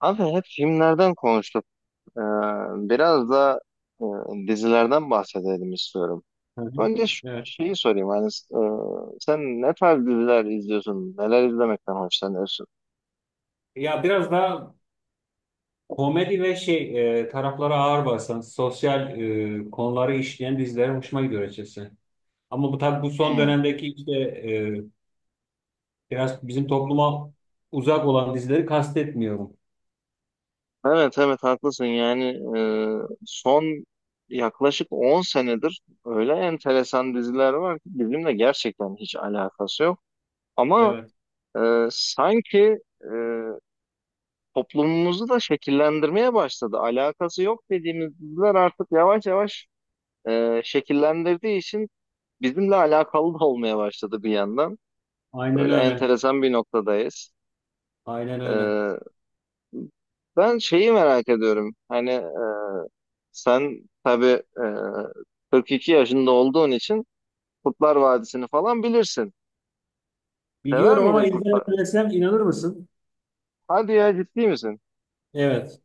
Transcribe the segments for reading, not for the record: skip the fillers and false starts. Abi hep filmlerden konuştuk. Ee, Biraz da dizilerden bahsedelim istiyorum. Hı hı. Önce Evet. şeyi sorayım. Hani, sen ne tarz diziler izliyorsun? Neler izlemekten hoşlanıyorsun? Ya biraz daha komedi ve taraflara ağır basan, sosyal konuları işleyen diziler hoşuma gidiyor açıkçası. Ama bu tabii bu son Hmm. dönemdeki işte biraz bizim topluma uzak olan dizileri kastetmiyorum. Evet, evet, haklısın. Yani e, son yaklaşık 10 senedir öyle enteresan diziler var ki bizimle gerçekten hiç alakası yok. Ama Evet. Sanki toplumumuzu da şekillendirmeye başladı. Alakası yok dediğimiz diziler artık yavaş yavaş şekillendirdiği için bizimle alakalı da olmaya başladı bir yandan. Aynen Böyle öyle. enteresan bir noktadayız. Aynen öyle. E, Ben şeyi merak ediyorum. Hani sen tabii 42 yaşında olduğun için Kurtlar Vadisi'ni falan bilirsin. Sever Biliyorum ama miydin Kurtlar? izlemesem inanır mısın? Hadi ya, ciddi misin? Evet.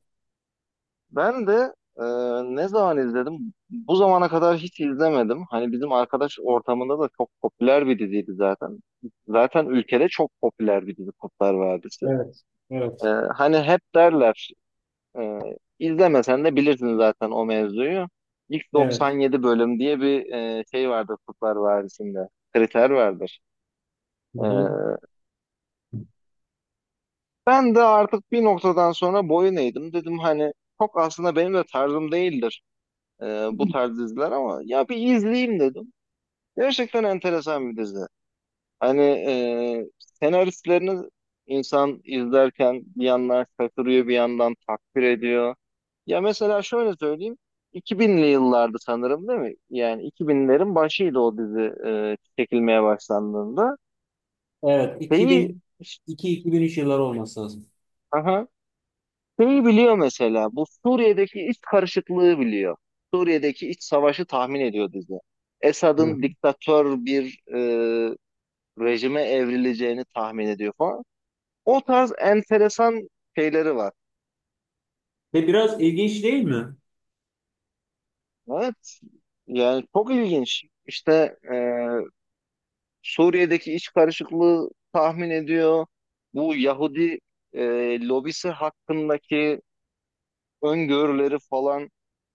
Ben de e, ne zaman izledim? Bu zamana kadar hiç izlemedim. Hani bizim arkadaş ortamında da çok popüler bir diziydi zaten. Zaten ülkede çok popüler bir dizi Kurtlar Vadisi. Evet. Evet. Hani hep derler e, izlemesen de bilirsin zaten o mevzuyu. İlk Evet. 97 bölüm diye bir şey vardır Kurtlar Vadisi'nde. Kriter vardır. Hı E, hı. Ben de artık bir noktadan sonra boyun eğdim. Dedim hani çok aslında benim de tarzım değildir, Ee, bu tarz diziler, ama ya bir izleyeyim dedim. Gerçekten enteresan bir dizi. Hani senaristlerini insan izlerken bir yandan şaşırıyor, bir yandan takdir ediyor. Ya mesela şöyle söyleyeyim. 2000'li yıllardı sanırım, değil mi? Yani 2000'lerin başıydı o dizi çekilmeye başlandığında. Evet. Şeyi 2002-2003 yılları olması lazım. aha, Şeyi biliyor mesela, bu Suriye'deki iç karışıklığı biliyor. Suriye'deki iç savaşı tahmin ediyor dizi. Hı hı. Esad'ın diktatör bir rejime evrileceğini tahmin ediyor falan. O tarz enteresan şeyleri var. Ve biraz ilginç değil mi? Evet, yani çok ilginç. İşte Suriye'deki iç karışıklığı tahmin ediyor. Bu Yahudi lobisi hakkındaki öngörüleri falan.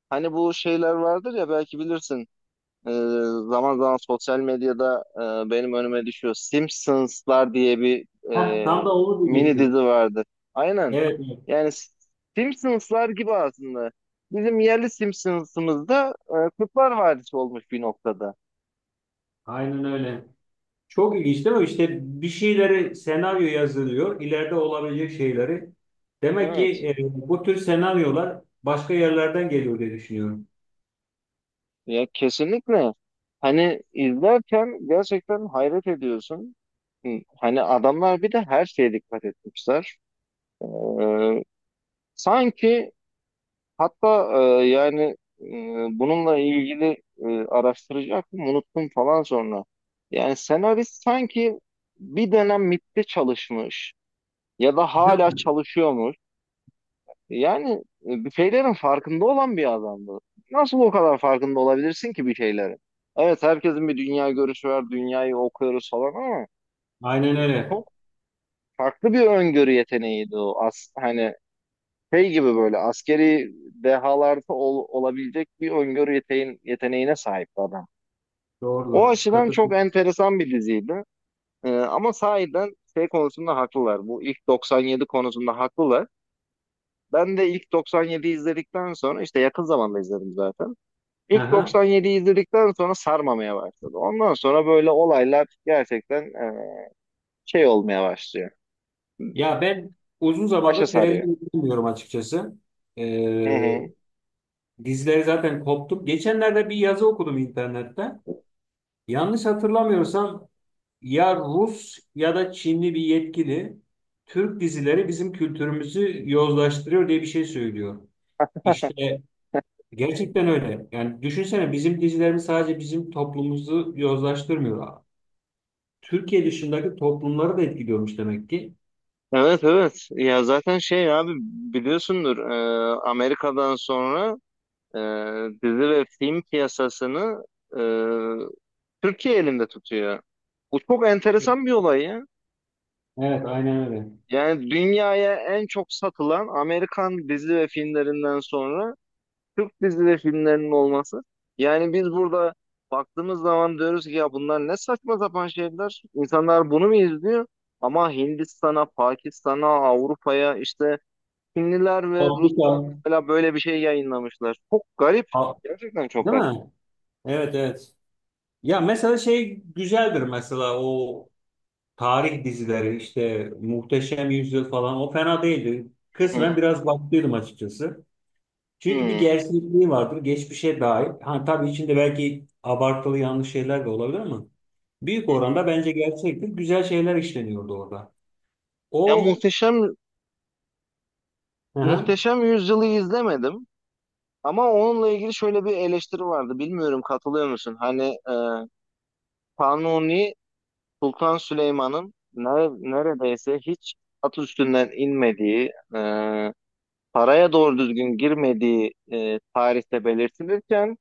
Hani bu şeyler vardır ya, belki bilirsin. Ee, Zaman zaman sosyal medyada benim önüme düşüyor. Simpsonslar diye bir Heh, tam e, da onu mini dizi diyecektim. vardı. Aynen. Evet, evet. Yani Simpsonslar gibi aslında. Bizim yerli Simpsons'ımızda Kurtlar Vadisi olmuş bir noktada. Aynen öyle. Çok ilginç değil mi? İşte bir şeyleri senaryo yazılıyor. İleride olabilecek şeyleri. Demek Evet. ki bu tür senaryolar başka yerlerden geliyor diye düşünüyorum. Ya kesinlikle. Hani izlerken gerçekten hayret ediyorsun. Hani adamlar bir de her şeye dikkat etmişler. Ee, sanki Hatta yani bununla ilgili araştıracaktım, unuttum falan sonra. Yani senarist sanki bir dönem MIT'te çalışmış ya da Değil hala mi? çalışıyormuş. Yani bir şeylerin farkında olan bir adamdı. Nasıl o kadar farkında olabilirsin ki bir şeylerin? Evet, herkesin bir dünya görüşü var, dünyayı okuyoruz falan ama Aynen öyle. çok farklı bir öngörü yeteneğiydi o. Hani şey gibi böyle askeri dehalarda olabilecek bir öngörü yeteneğine sahip adam. O Doğrudur. açıdan çok Katıldım. enteresan bir diziydi. Ama sahiden şey konusunda haklılar. Bu ilk 97 konusunda haklılar. Ben de ilk 97'yi izledikten sonra işte yakın zamanda izledim zaten. İlk Aha. 97'yi izledikten sonra sarmamaya başladı. Ondan sonra böyle olaylar gerçekten şey olmaya başlıyor. Ya ben uzun Başa zamandır sarıyor. televizyon izlemiyorum açıkçası. Hı Ee, hı. Dizileri zaten koptum. Geçenlerde bir yazı okudum internette. Yanlış hatırlamıyorsam ya Rus ya da Çinli bir yetkili Türk dizileri bizim kültürümüzü yozlaştırıyor diye bir şey söylüyor. İşte gerçekten öyle. Yani düşünsene bizim dizilerimiz sadece bizim toplumumuzu yozlaştırmıyor. Türkiye dışındaki toplumları da etkiliyormuş demek ki. Evet, evet, ya zaten şey abi, biliyorsundur Amerika'dan sonra e, dizi ve film piyasasını e, Türkiye elinde tutuyor. Bu çok enteresan bir olay ya. Evet, aynen öyle. Yani dünyaya en çok satılan Amerikan dizi ve filmlerinden sonra Türk dizi ve filmlerinin olması. Yani biz burada baktığımız zaman diyoruz ki ya, bunlar ne saçma sapan şeyler. İnsanlar bunu mu izliyor? Ama Hindistan'a, Pakistan'a, Avrupa'ya işte Çinliler ve Afrika, Ruslar mesela böyle bir şey yayınlamışlar. Çok garip. A- Gerçekten çok değil garip. mi? Evet, evet. Ya mesela şey güzeldir mesela o tarih dizileri işte Muhteşem Yüzyıl falan o fena değildi. Hı hı, Kısmen biraz baktıydım açıkçası. hı Çünkü bir hı. gerçekliği vardır. Geçmişe dair. Hani tabii içinde belki abartılı yanlış şeyler de olabilir ama büyük oranda bence gerçektir. Güzel şeyler işleniyordu orada. Ya O muhteşem hı hı. muhteşem yüzyılı izlemedim ama onunla ilgili şöyle bir eleştiri vardı. Bilmiyorum, katılıyor musun? Hani e, Kanuni Sultan Süleyman'ın neredeyse hiç at üstünden inmediği, paraya doğru düzgün girmediği tarihte belirtilirken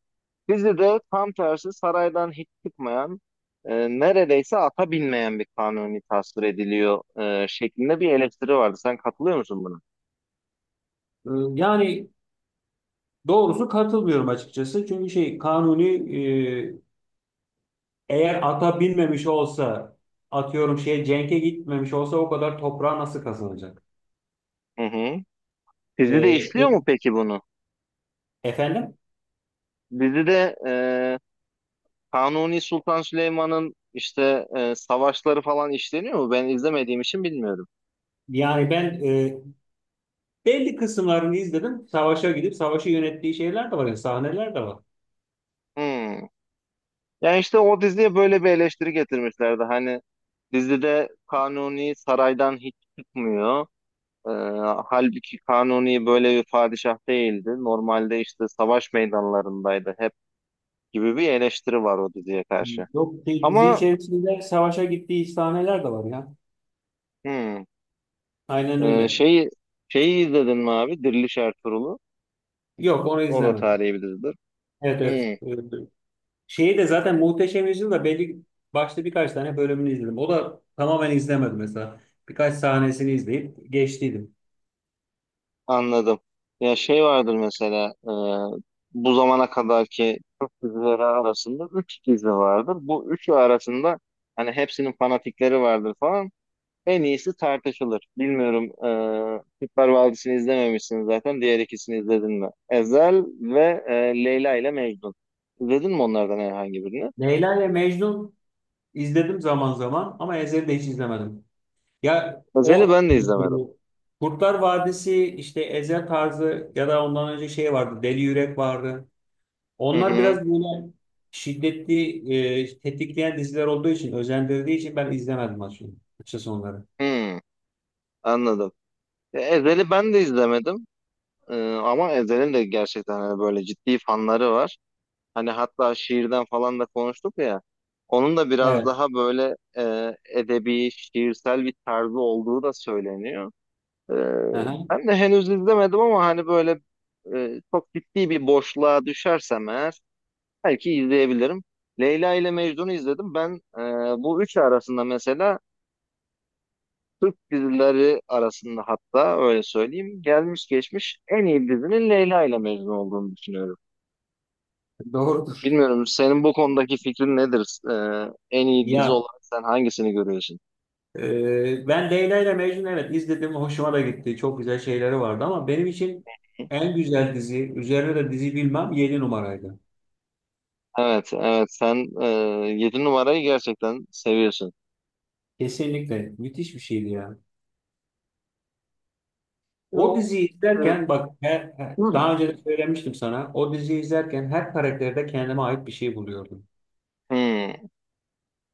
dizide tam tersi saraydan hiç çıkmayan, neredeyse ata binmeyen bir kanuni tasvir ediliyor şeklinde bir eleştiri vardı. Sen katılıyor musun buna? Ee, Yani doğrusu katılmıyorum açıkçası. Çünkü şey Kanuni eğer ata binmemiş olsa atıyorum şey Cenk'e gitmemiş olsa o kadar toprağı nasıl kazanacak? Hı hı. Dizide Ee, işliyor e- mu peki bunu? efendim? Dizide Kanuni Sultan Süleyman'ın işte savaşları falan işleniyor mu? Ben izlemediğim için bilmiyorum. Yani ben belli kısımlarını izledim. Savaşa gidip savaşı yönettiği şeyler de var. Yani sahneler de var. Hmm. Yani işte o diziye böyle bir eleştiri getirmişlerdi. Hani dizide Kanuni saraydan hiç çıkmıyor. Ee, Halbuki Kanuni böyle bir padişah değildi. Normalde işte savaş meydanlarındaydı hep gibi bir eleştiri var o diziye karşı. Yok şey, dizi Ama içerisinde savaşa gittiği sahneler de var ya. hmm, Aynen e, öyle. şeyi şeyi izledin mi abi? Diriliş Ertuğrul'u. Yok onu O da izlemedim. tarihi bir dizidir. Evet evet, Hmm, evet, evet. Şeyi de zaten Muhteşem Yüzyıl'da belli başta birkaç tane bölümünü izledim. O da tamamen izlemedim mesela. Birkaç sahnesini izleyip geçtiydim. anladım. Ya şey vardır mesela bu zamana kadarki Türk dizileri arasında 3 dizi vardır. Bu üçü arasında hani hepsinin fanatikleri vardır falan. En iyisi tartışılır. Bilmiyorum. Kurtlar Vadisi'ni izlememişsin zaten. Diğer ikisini izledin mi? Ezel ve Leyla ile Mecnun. İzledin mi onlardan herhangi birini? Leyla ile Mecnun izledim zaman zaman ama Ezel'i de hiç izlemedim. Ya Ezel'i o ben de izlemedim. bu Kurtlar Vadisi işte Ezel tarzı ya da ondan önce şey vardı Deli Yürek vardı. Hı Onlar biraz hı. böyle şiddetli, tetikleyen diziler olduğu için, özendirdiği için ben izlemedim açıkçası onları. Hı, anladım. Ezel'i ben de izlemedim. Ama Ezel'in de gerçekten hani böyle ciddi fanları var. Hani hatta şiirden falan da konuştuk ya. Onun da biraz Evet. daha böyle edebi, şiirsel bir tarzı olduğu da söyleniyor. Ee, Aha. Ben de henüz izlemedim ama hani böyle çok ciddi bir boşluğa düşersem eğer belki izleyebilirim. Leyla ile Mecnun'u izledim. Ben bu üçü arasında mesela dizileri arasında hatta öyle söyleyeyim, gelmiş geçmiş en iyi dizinin Leyla ile Mecnun olduğunu düşünüyorum. Doğrudur. Bilmiyorum, senin bu konudaki fikrin nedir? En iyi dizi Ya olarak sen hangisini görüyorsun? e, ben Leyla ile Mecnun evet izledim, hoşuma da gitti. Çok güzel şeyleri vardı ama benim için en güzel dizi, üzerine de dizi bilmem 7 numaraydı. Evet, evet, sen 7 numarayı gerçekten seviyorsun. Kesinlikle müthiş bir şeydi ya. O Bu, diziyi e, izlerken bak daha önce de söylemiştim sana. O diziyi izlerken her karakterde kendime ait bir şey buluyordum. Hmm.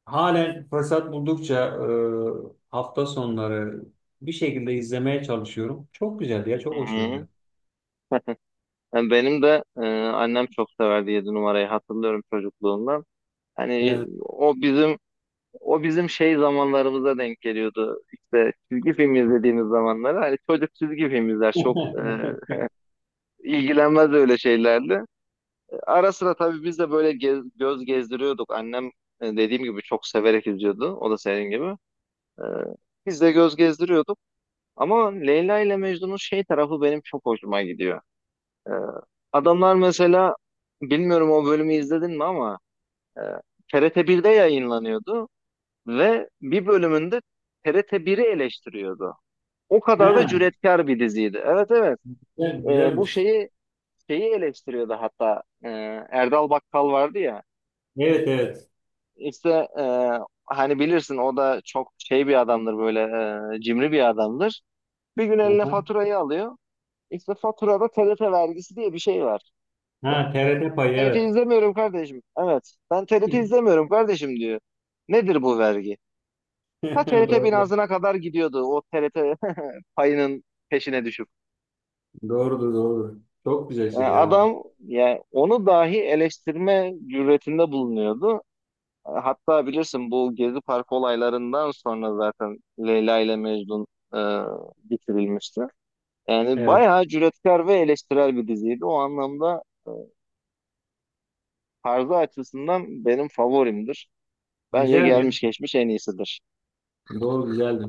Halen fırsat buldukça hafta sonları bir şekilde izlemeye çalışıyorum. Çok güzeldi ya, Hı çok hoşuma gidiyor. hı. Yani benim de annem çok severdi 7 numarayı, hatırlıyorum çocukluğumdan. Hani Evet. o bizim şey zamanlarımıza denk geliyordu. İşte çizgi film izlediğimiz zamanları. Hani çocuk çizgi film izler, çok ilgilenmez öyle şeylerle. Ara sıra tabii biz de böyle göz gezdiriyorduk. Annem dediğim gibi çok severek izliyordu. O da senin gibi. E, Biz de göz gezdiriyorduk. Ama Leyla ile Mecnun'un şey tarafı benim çok hoşuma gidiyor. Ee, Adamlar mesela bilmiyorum, o bölümü izledin mi ama e, TRT 1'de yayınlanıyordu ve bir bölümünde TRT biri eleştiriyordu. O kadar da Ha, cüretkar bir diziydi. Evet, evet. evet, Bu güzelmiş. şeyi eleştiriyordu hatta. Erdal Bakkal vardı ya. Evet evet. İşte e, hani bilirsin o da çok şey bir adamdır, böyle cimri bir adamdır. Bir gün eline Aha. faturayı alıyor. İşte faturada TRT vergisi diye bir şey var. Ha, TRT payı TRT evet. izlemiyorum kardeşim. Evet. Ben TRT izlemiyorum kardeşim diyor. Nedir bu vergi? Ha, TRT Doğru. binasına kadar gidiyordu o TRT payının peşine düşüp. Doğrudur doğrudur. Çok güzel Yani şey ya o. adam, yani onu dahi eleştirme cüretinde bulunuyordu. Hatta bilirsin, bu Gezi Parkı olaylarından sonra zaten Leyla ile Mecnun e, bitirilmişti. Yani Evet. bayağı cüretkar ve eleştirel bir diziydi. O anlamda tarzı açısından benim favorimdir. Bence Güzeldi ya. gelmiş geçmiş en iyisidir. Doğru güzeldi.